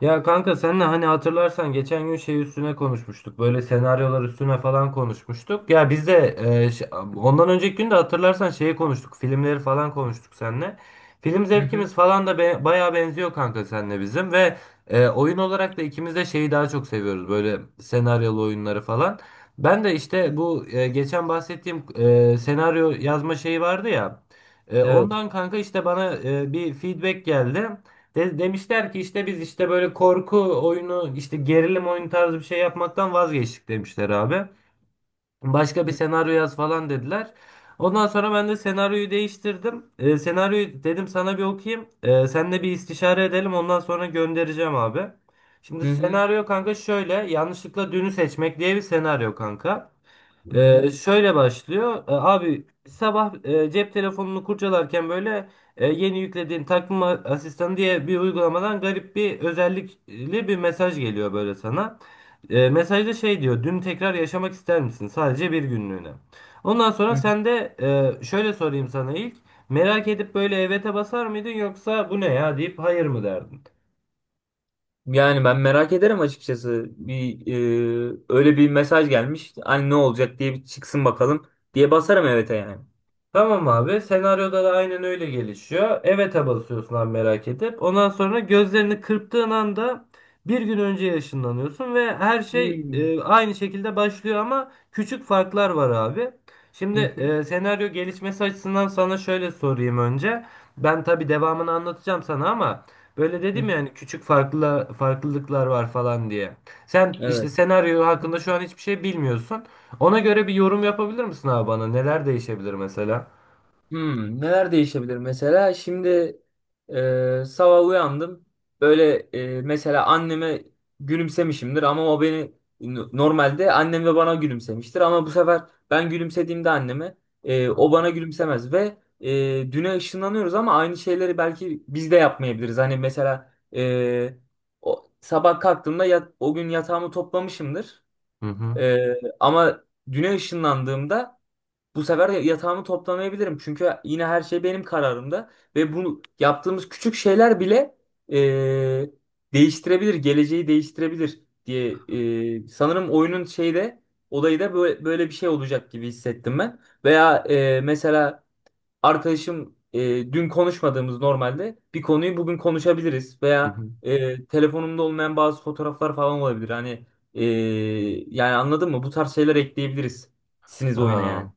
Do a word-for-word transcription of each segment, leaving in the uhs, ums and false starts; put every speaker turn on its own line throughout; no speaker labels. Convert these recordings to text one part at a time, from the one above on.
Ya kanka senle hani hatırlarsan geçen gün şey üstüne konuşmuştuk. Böyle senaryolar üstüne falan konuşmuştuk. Ya biz de e, ş- ondan önceki gün de hatırlarsan şeyi konuştuk. Filmleri falan konuştuk seninle. Film
Hı hı.
zevkimiz falan da be, bayağı benziyor kanka seninle bizim ve e, oyun olarak da ikimiz de şeyi daha çok seviyoruz. Böyle senaryolu oyunları falan. Ben de işte bu e, geçen bahsettiğim e, senaryo yazma şeyi vardı ya. E,
Evet.
ondan kanka işte bana e, bir feedback geldi. De- demişler ki işte biz işte böyle korku oyunu işte gerilim oyunu tarzı bir şey yapmaktan vazgeçtik demişler abi. Başka bir
Hı
senaryo yaz falan dediler. Ondan sonra ben de senaryoyu değiştirdim. Ee, senaryoyu dedim sana bir okuyayım. Ee, seninle bir istişare edelim ondan sonra göndereceğim abi. Şimdi
hı.
senaryo kanka şöyle yanlışlıkla dünü seçmek diye bir senaryo kanka.
Hı hı.
Ee, şöyle başlıyor. Ee, abi sabah e, cep telefonunu kurcalarken böyle e, yeni yüklediğin takvim asistanı diye bir uygulamadan garip bir özellikli bir mesaj geliyor böyle sana. E, mesajda şey diyor. Dün tekrar yaşamak ister misin? Sadece bir günlüğüne. Ondan
Hı
sonra
hı.
sen de e, şöyle sorayım sana ilk. Merak edip böyle evet'e basar mıydın yoksa bu ne ya deyip hayır mı derdin?
Yani ben merak ederim açıkçası. Bir e, öyle bir mesaj gelmiş. Hani ne olacak diye bir çıksın bakalım diye basarım evet'e yani.
Tamam abi. Senaryoda da aynen öyle gelişiyor. Evet'e basıyorsun abi merak edip. Ondan sonra gözlerini kırptığın anda bir gün önce ışınlanıyorsun ve her şey
Hmm.
e, aynı şekilde başlıyor ama küçük farklar var abi. Şimdi
Hı hı.
e, senaryo gelişmesi açısından sana şöyle sorayım önce. Ben tabii devamını anlatacağım sana ama böyle
Hı
dedim
hı.
yani küçük farklı farklılıklar var falan diye. Sen işte
Evet.
senaryo hakkında şu an hiçbir şey bilmiyorsun. Ona göre bir yorum yapabilir misin abi bana? Neler değişebilir mesela?
Hmm, neler değişebilir mesela? Şimdi e, sabah uyandım. Böyle e, mesela anneme gülümsemişimdir ama o beni no, normalde annem de bana gülümsemiştir ama bu sefer ben gülümsediğimde anneme e, o bana gülümsemez ve e, düne ışınlanıyoruz ama aynı şeyleri belki biz de yapmayabiliriz. Hani mesela e, o, sabah kalktığımda yat- o gün yatağımı toplamışımdır.
Hı hı.
E, ama düne ışınlandığımda bu sefer de yatağımı toplamayabilirim. Çünkü yine her şey benim kararımda. Ve bu yaptığımız küçük şeyler bile eee, değiştirebilir, geleceği değiştirebilir diye eee, sanırım oyunun şeyde olayı da böyle, böyle bir şey olacak gibi hissettim ben. Veya eee, mesela arkadaşım eee, dün konuşmadığımız normalde bir konuyu bugün konuşabiliriz.
Hı
Veya
hı.
eee, telefonumda olmayan bazı fotoğraflar falan olabilir. Hani eee, yani anladın mı? Bu tarz şeyler ekleyebiliriz. Siniz oyuna yani.
Ha.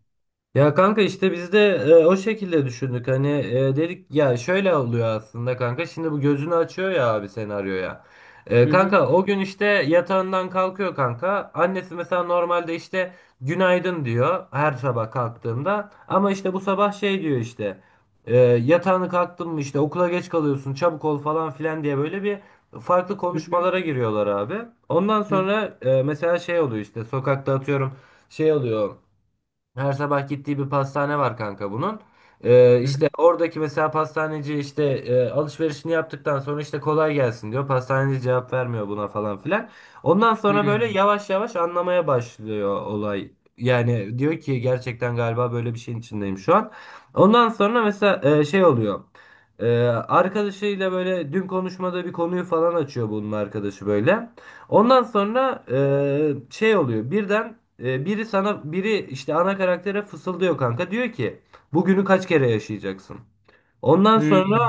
Ya kanka işte biz de e, o şekilde düşündük. Hani e, dedik ya şöyle oluyor aslında kanka. Şimdi bu gözünü açıyor ya abi senaryoya. E,
Hı hı.
kanka o gün işte yatağından kalkıyor kanka. Annesi mesela normalde işte günaydın diyor her sabah kalktığında. Ama işte bu sabah şey diyor işte. E, yatağını kalktın mı işte okula geç kalıyorsun çabuk ol falan filan diye böyle bir farklı
Hı hı,
konuşmalara giriyorlar abi. Ondan
hı
sonra e, mesela şey oluyor işte sokakta atıyorum şey oluyor. Her sabah gittiği bir pastane var kanka bunun. Ee,
hı,
işte oradaki mesela pastaneci işte e, alışverişini yaptıktan sonra işte kolay gelsin diyor. Pastaneci cevap vermiyor buna falan filan. Ondan
hı
sonra
hı,
böyle yavaş yavaş anlamaya başlıyor olay. Yani diyor ki gerçekten galiba böyle bir şeyin içindeyim şu an. Ondan sonra mesela e, şey oluyor. Ee, arkadaşıyla böyle dün konuşmada bir konuyu falan açıyor bunun arkadaşı böyle. Ondan sonra e, şey oluyor. Birden e, biri sana biri işte ana karaktere fısıldıyor kanka. Diyor ki bugünü kaç kere yaşayacaksın? Ondan sonra
hı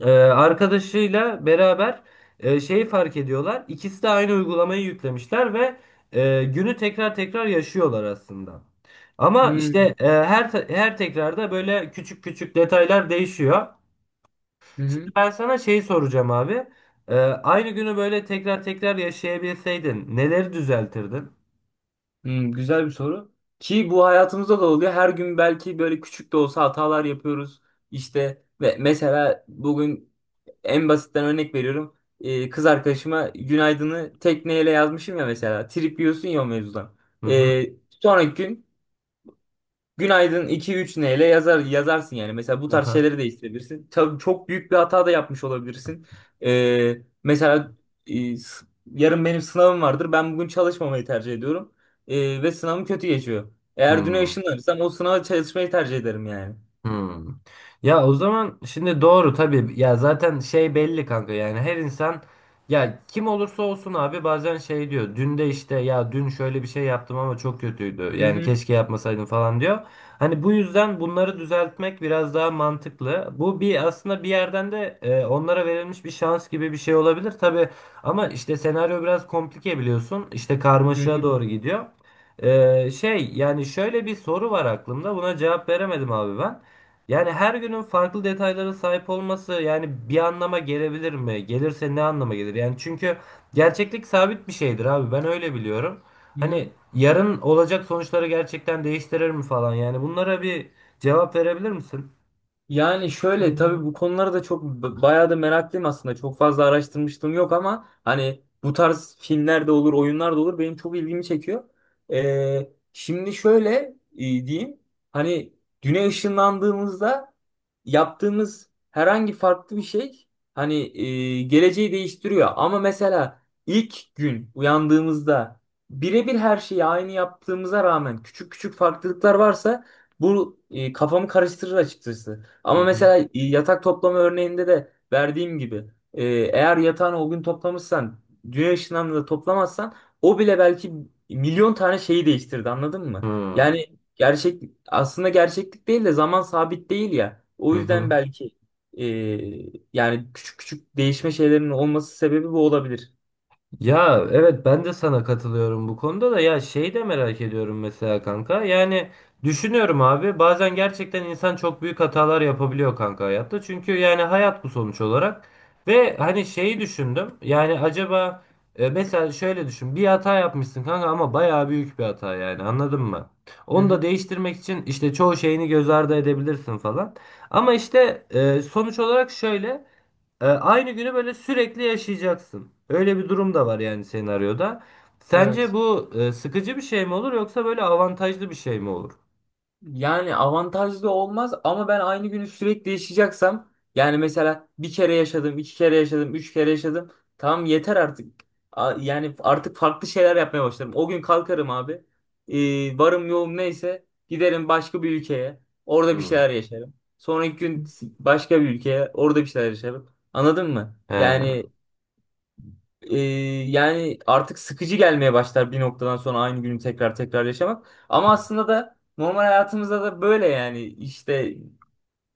e, arkadaşıyla beraber e, şeyi fark ediyorlar. İkisi de aynı uygulamayı yüklemişler ve e, günü tekrar tekrar yaşıyorlar aslında. Ama
hı,
işte e, her her tekrarda böyle küçük küçük detaylar değişiyor.
hı
Şimdi
hı.
ben sana şey soracağım abi. Ee, aynı günü böyle tekrar tekrar yaşayabilseydin neleri düzeltirdin?
Hmm, Güzel bir soru. Ki bu hayatımızda da oluyor. Her gün belki böyle küçük de olsa hatalar yapıyoruz. İşte ve mesela bugün en basitten örnek veriyorum. Ee, kız arkadaşıma günaydını tekneyle yazmışım ya mesela. Trip yiyorsun ya o mevzudan.
Hı hı.
Ee, sonraki gün günaydın iki üç neyle yazar yazarsın yani. Mesela bu tarz
Aha.
şeyleri değiştirebilirsin. Tabii çok büyük bir hata da yapmış olabilirsin. Ee, mesela e, s- yarın benim sınavım vardır. Ben bugün çalışmamayı tercih ediyorum. Ee, ve sınavım kötü geçiyor. Eğer düne
Hı.
ışınlanırsam o sınava çalışmayı tercih ederim yani.
Hmm. Ya o zaman şimdi doğru tabii ya zaten şey belli kanka yani her insan ya kim olursa olsun abi bazen şey diyor dün de işte ya dün şöyle bir şey yaptım ama çok kötüydü
Hı
yani
hı.
keşke yapmasaydım falan diyor. Hani bu yüzden bunları düzeltmek biraz daha mantıklı. Bu bir aslında bir yerden de e, onlara verilmiş bir şans gibi bir şey olabilir tabii ama işte senaryo biraz komplike biliyorsun işte
Hı
karmaşığa
hı.
doğru gidiyor. Ee, şey yani şöyle bir soru var aklımda buna cevap veremedim abi ben. Yani her günün farklı detaylara sahip olması yani bir anlama gelebilir mi? Gelirse ne anlama gelir? Yani çünkü gerçeklik sabit bir şeydir abi. Ben öyle biliyorum.
Hı
Hani
hı.
yarın olacak sonuçları gerçekten değiştirir mi falan? Yani bunlara bir cevap verebilir misin?
Yani şöyle tabii bu konulara da çok b- bayağı da meraklıyım aslında. Çok fazla araştırmışlığım yok ama hani bu tarz filmler de olur, oyunlar da olur. Benim çok ilgimi çekiyor. Ee, şimdi şöyle e, diyeyim. Hani güne ışınlandığımızda yaptığımız herhangi farklı bir şey hani e, geleceği değiştiriyor. Ama mesela ilk gün uyandığımızda birebir her şeyi aynı yaptığımıza rağmen küçük küçük farklılıklar varsa bu e, kafamı karıştırır açıkçası.
Hı
Ama
hı.
mesela yatak toplama örneğinde de verdiğim gibi e, eğer yatağını o gün toplamışsan dünya ışınlarını da toplamazsan o bile belki milyon tane şeyi değiştirdi anladın mı? Yani gerçek aslında gerçeklik değil de zaman sabit değil ya.
Hı
O yüzden
hı.
belki e, yani küçük küçük değişme şeylerinin olması sebebi bu olabilir.
Ya evet ben de sana katılıyorum bu konuda da ya şey de merak ediyorum mesela kanka. Yani düşünüyorum abi bazen gerçekten insan çok büyük hatalar yapabiliyor kanka hayatta. Çünkü yani hayat bu sonuç olarak. Ve hani şeyi düşündüm. Yani acaba e, mesela şöyle düşün. Bir hata yapmışsın kanka ama bayağı büyük bir hata yani anladın mı?
Hı
Onu da
hı.
değiştirmek için işte çoğu şeyini göz ardı edebilirsin falan. Ama işte e, sonuç olarak şöyle. E, aynı günü böyle sürekli yaşayacaksın. Öyle bir durum da var yani senaryoda. Sence
Evet.
bu e, sıkıcı bir şey mi olur yoksa böyle avantajlı bir şey mi olur?
Yani avantajlı olmaz ama ben aynı günü sürekli yaşayacaksam yani mesela bir kere yaşadım, iki kere yaşadım, üç kere yaşadım. Tamam yeter artık. A- Yani artık farklı şeyler yapmaya başlarım. O gün kalkarım abi. Ee, varım yoğum neyse giderim başka bir ülkeye. Orada bir
Hmm.
şeyler yaşarım. Sonraki gün başka bir ülkeye. Orada bir şeyler yaşarım. Anladın mı?
He.
Yani ee, yani artık sıkıcı gelmeye başlar bir noktadan sonra aynı günü tekrar tekrar yaşamak. Ama aslında da normal hayatımızda da böyle yani işte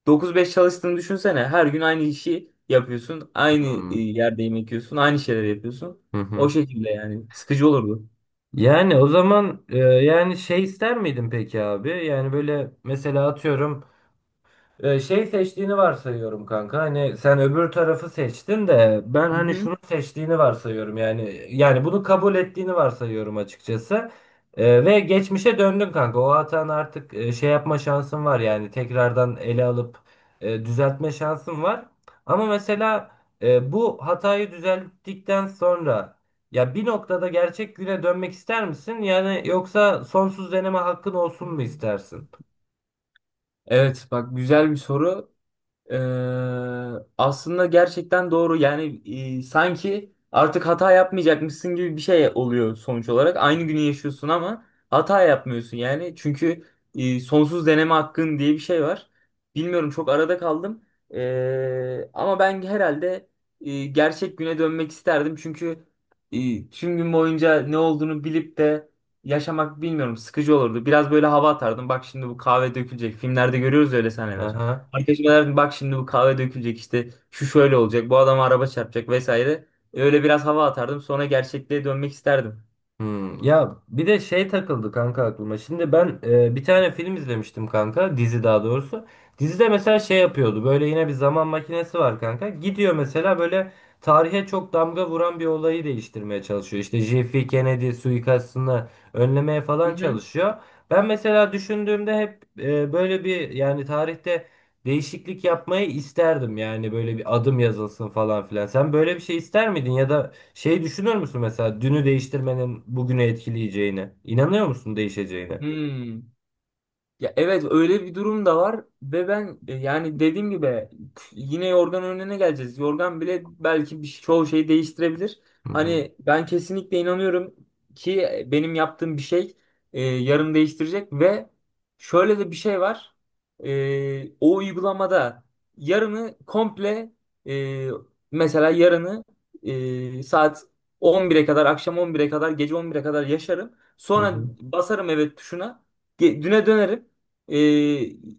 dokuz beş çalıştığını düşünsene. Her gün aynı işi yapıyorsun. Aynı
Hmm.
e, yerde yemek yiyorsun. Aynı şeyleri yapıyorsun.
Hı
O
hı.
şekilde yani. Sıkıcı olurdu.
Yani o zaman e, yani şey ister miydin peki abi? Yani böyle mesela atıyorum Ee, şey seçtiğini varsayıyorum kanka. Hani sen öbür tarafı seçtin de ben
Hı
hani
hı.
şunu seçtiğini varsayıyorum. Yani yani bunu kabul ettiğini varsayıyorum açıkçası. Ee, ve geçmişe döndün kanka. O hatan artık e, şey yapma şansın var yani tekrardan ele alıp e, düzeltme şansın var. Ama mesela e, bu hatayı düzelttikten sonra ya bir noktada gerçek güne dönmek ister misin? Yani yoksa sonsuz deneme hakkın olsun mu istersin?
Evet bak güzel bir soru. Ee, aslında gerçekten doğru. Yani e, sanki artık hata yapmayacakmışsın gibi bir şey oluyor sonuç olarak. Aynı günü yaşıyorsun ama hata yapmıyorsun yani. Çünkü e, sonsuz deneme hakkın diye bir şey var. Bilmiyorum çok arada kaldım. Ee, ama ben herhalde e, gerçek güne dönmek isterdim. Çünkü e, tüm gün boyunca ne olduğunu bilip de yaşamak bilmiyorum sıkıcı olurdu. Biraz böyle hava atardım. Bak şimdi bu kahve dökülecek. Filmlerde görüyoruz öyle sahneler.
Aha.
Arkadaşıma derdim bak şimdi bu kahve dökülecek işte şu şöyle olacak bu adama araba çarpacak vesaire. Öyle biraz hava atardım sonra gerçekliğe dönmek isterdim.
Hmm, ya bir de şey takıldı kanka aklıma. Şimdi ben e, bir tane film izlemiştim kanka. Dizi daha doğrusu. Dizide mesela şey yapıyordu. Böyle yine bir zaman makinesi var kanka. Gidiyor mesela böyle tarihe çok damga vuran bir olayı değiştirmeye çalışıyor. İşte J F K Kennedy suikastını önlemeye
Hı
falan
hı.
çalışıyor. Ben mesela düşündüğümde hep e, böyle bir yani tarihte değişiklik yapmayı isterdim. Yani böyle bir adım yazılsın falan filan. Sen böyle bir şey ister miydin ya da şey düşünür müsün mesela dünü değiştirmenin bugünü etkileyeceğini İnanıyor musun değişeceğine?
Hmm. Ya evet öyle bir durum da var ve ben e, yani dediğim gibi yine yorgan önüne geleceğiz. Yorgan bile belki bir, şey, çoğu şeyi değiştirebilir.
Hı hı.
Hani ben kesinlikle inanıyorum ki e, benim yaptığım bir şey e, yarın değiştirecek ve şöyle de bir şey var. E, o uygulamada yarını komple e, mesela yarını e, saat on bire kadar akşam on bire kadar gece on bire kadar yaşarım.
Hı
Sonra
hı.
basarım evet tuşuna. Ge- Düne dönerim. Ee,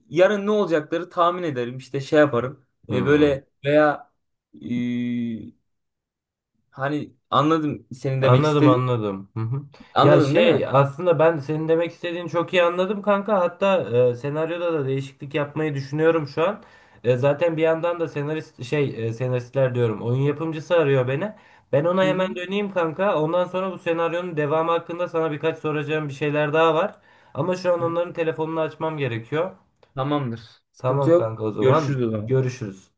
yarın ne olacakları tahmin ederim. İşte şey yaparım. Ee,
Hı.
böyle veya ee, hani anladım senin demek
Anladım
istediğin.
anladım. Hı hı. Ya
Anladın değil
şey
mi?
aslında ben senin demek istediğini çok iyi anladım kanka. Hatta e, senaryoda da değişiklik yapmayı düşünüyorum şu an. E, zaten bir yandan da senarist şey e, senaristler diyorum oyun yapımcısı arıyor beni. Ben ona
Hı hı.
hemen döneyim kanka. Ondan sonra bu senaryonun devamı hakkında sana birkaç soracağım bir şeyler daha var. Ama şu an
Hı.
onların telefonunu açmam gerekiyor.
Tamamdır. Sıkıntı
Tamam
yok.
kanka o zaman
Görüşürüz o zaman.
görüşürüz.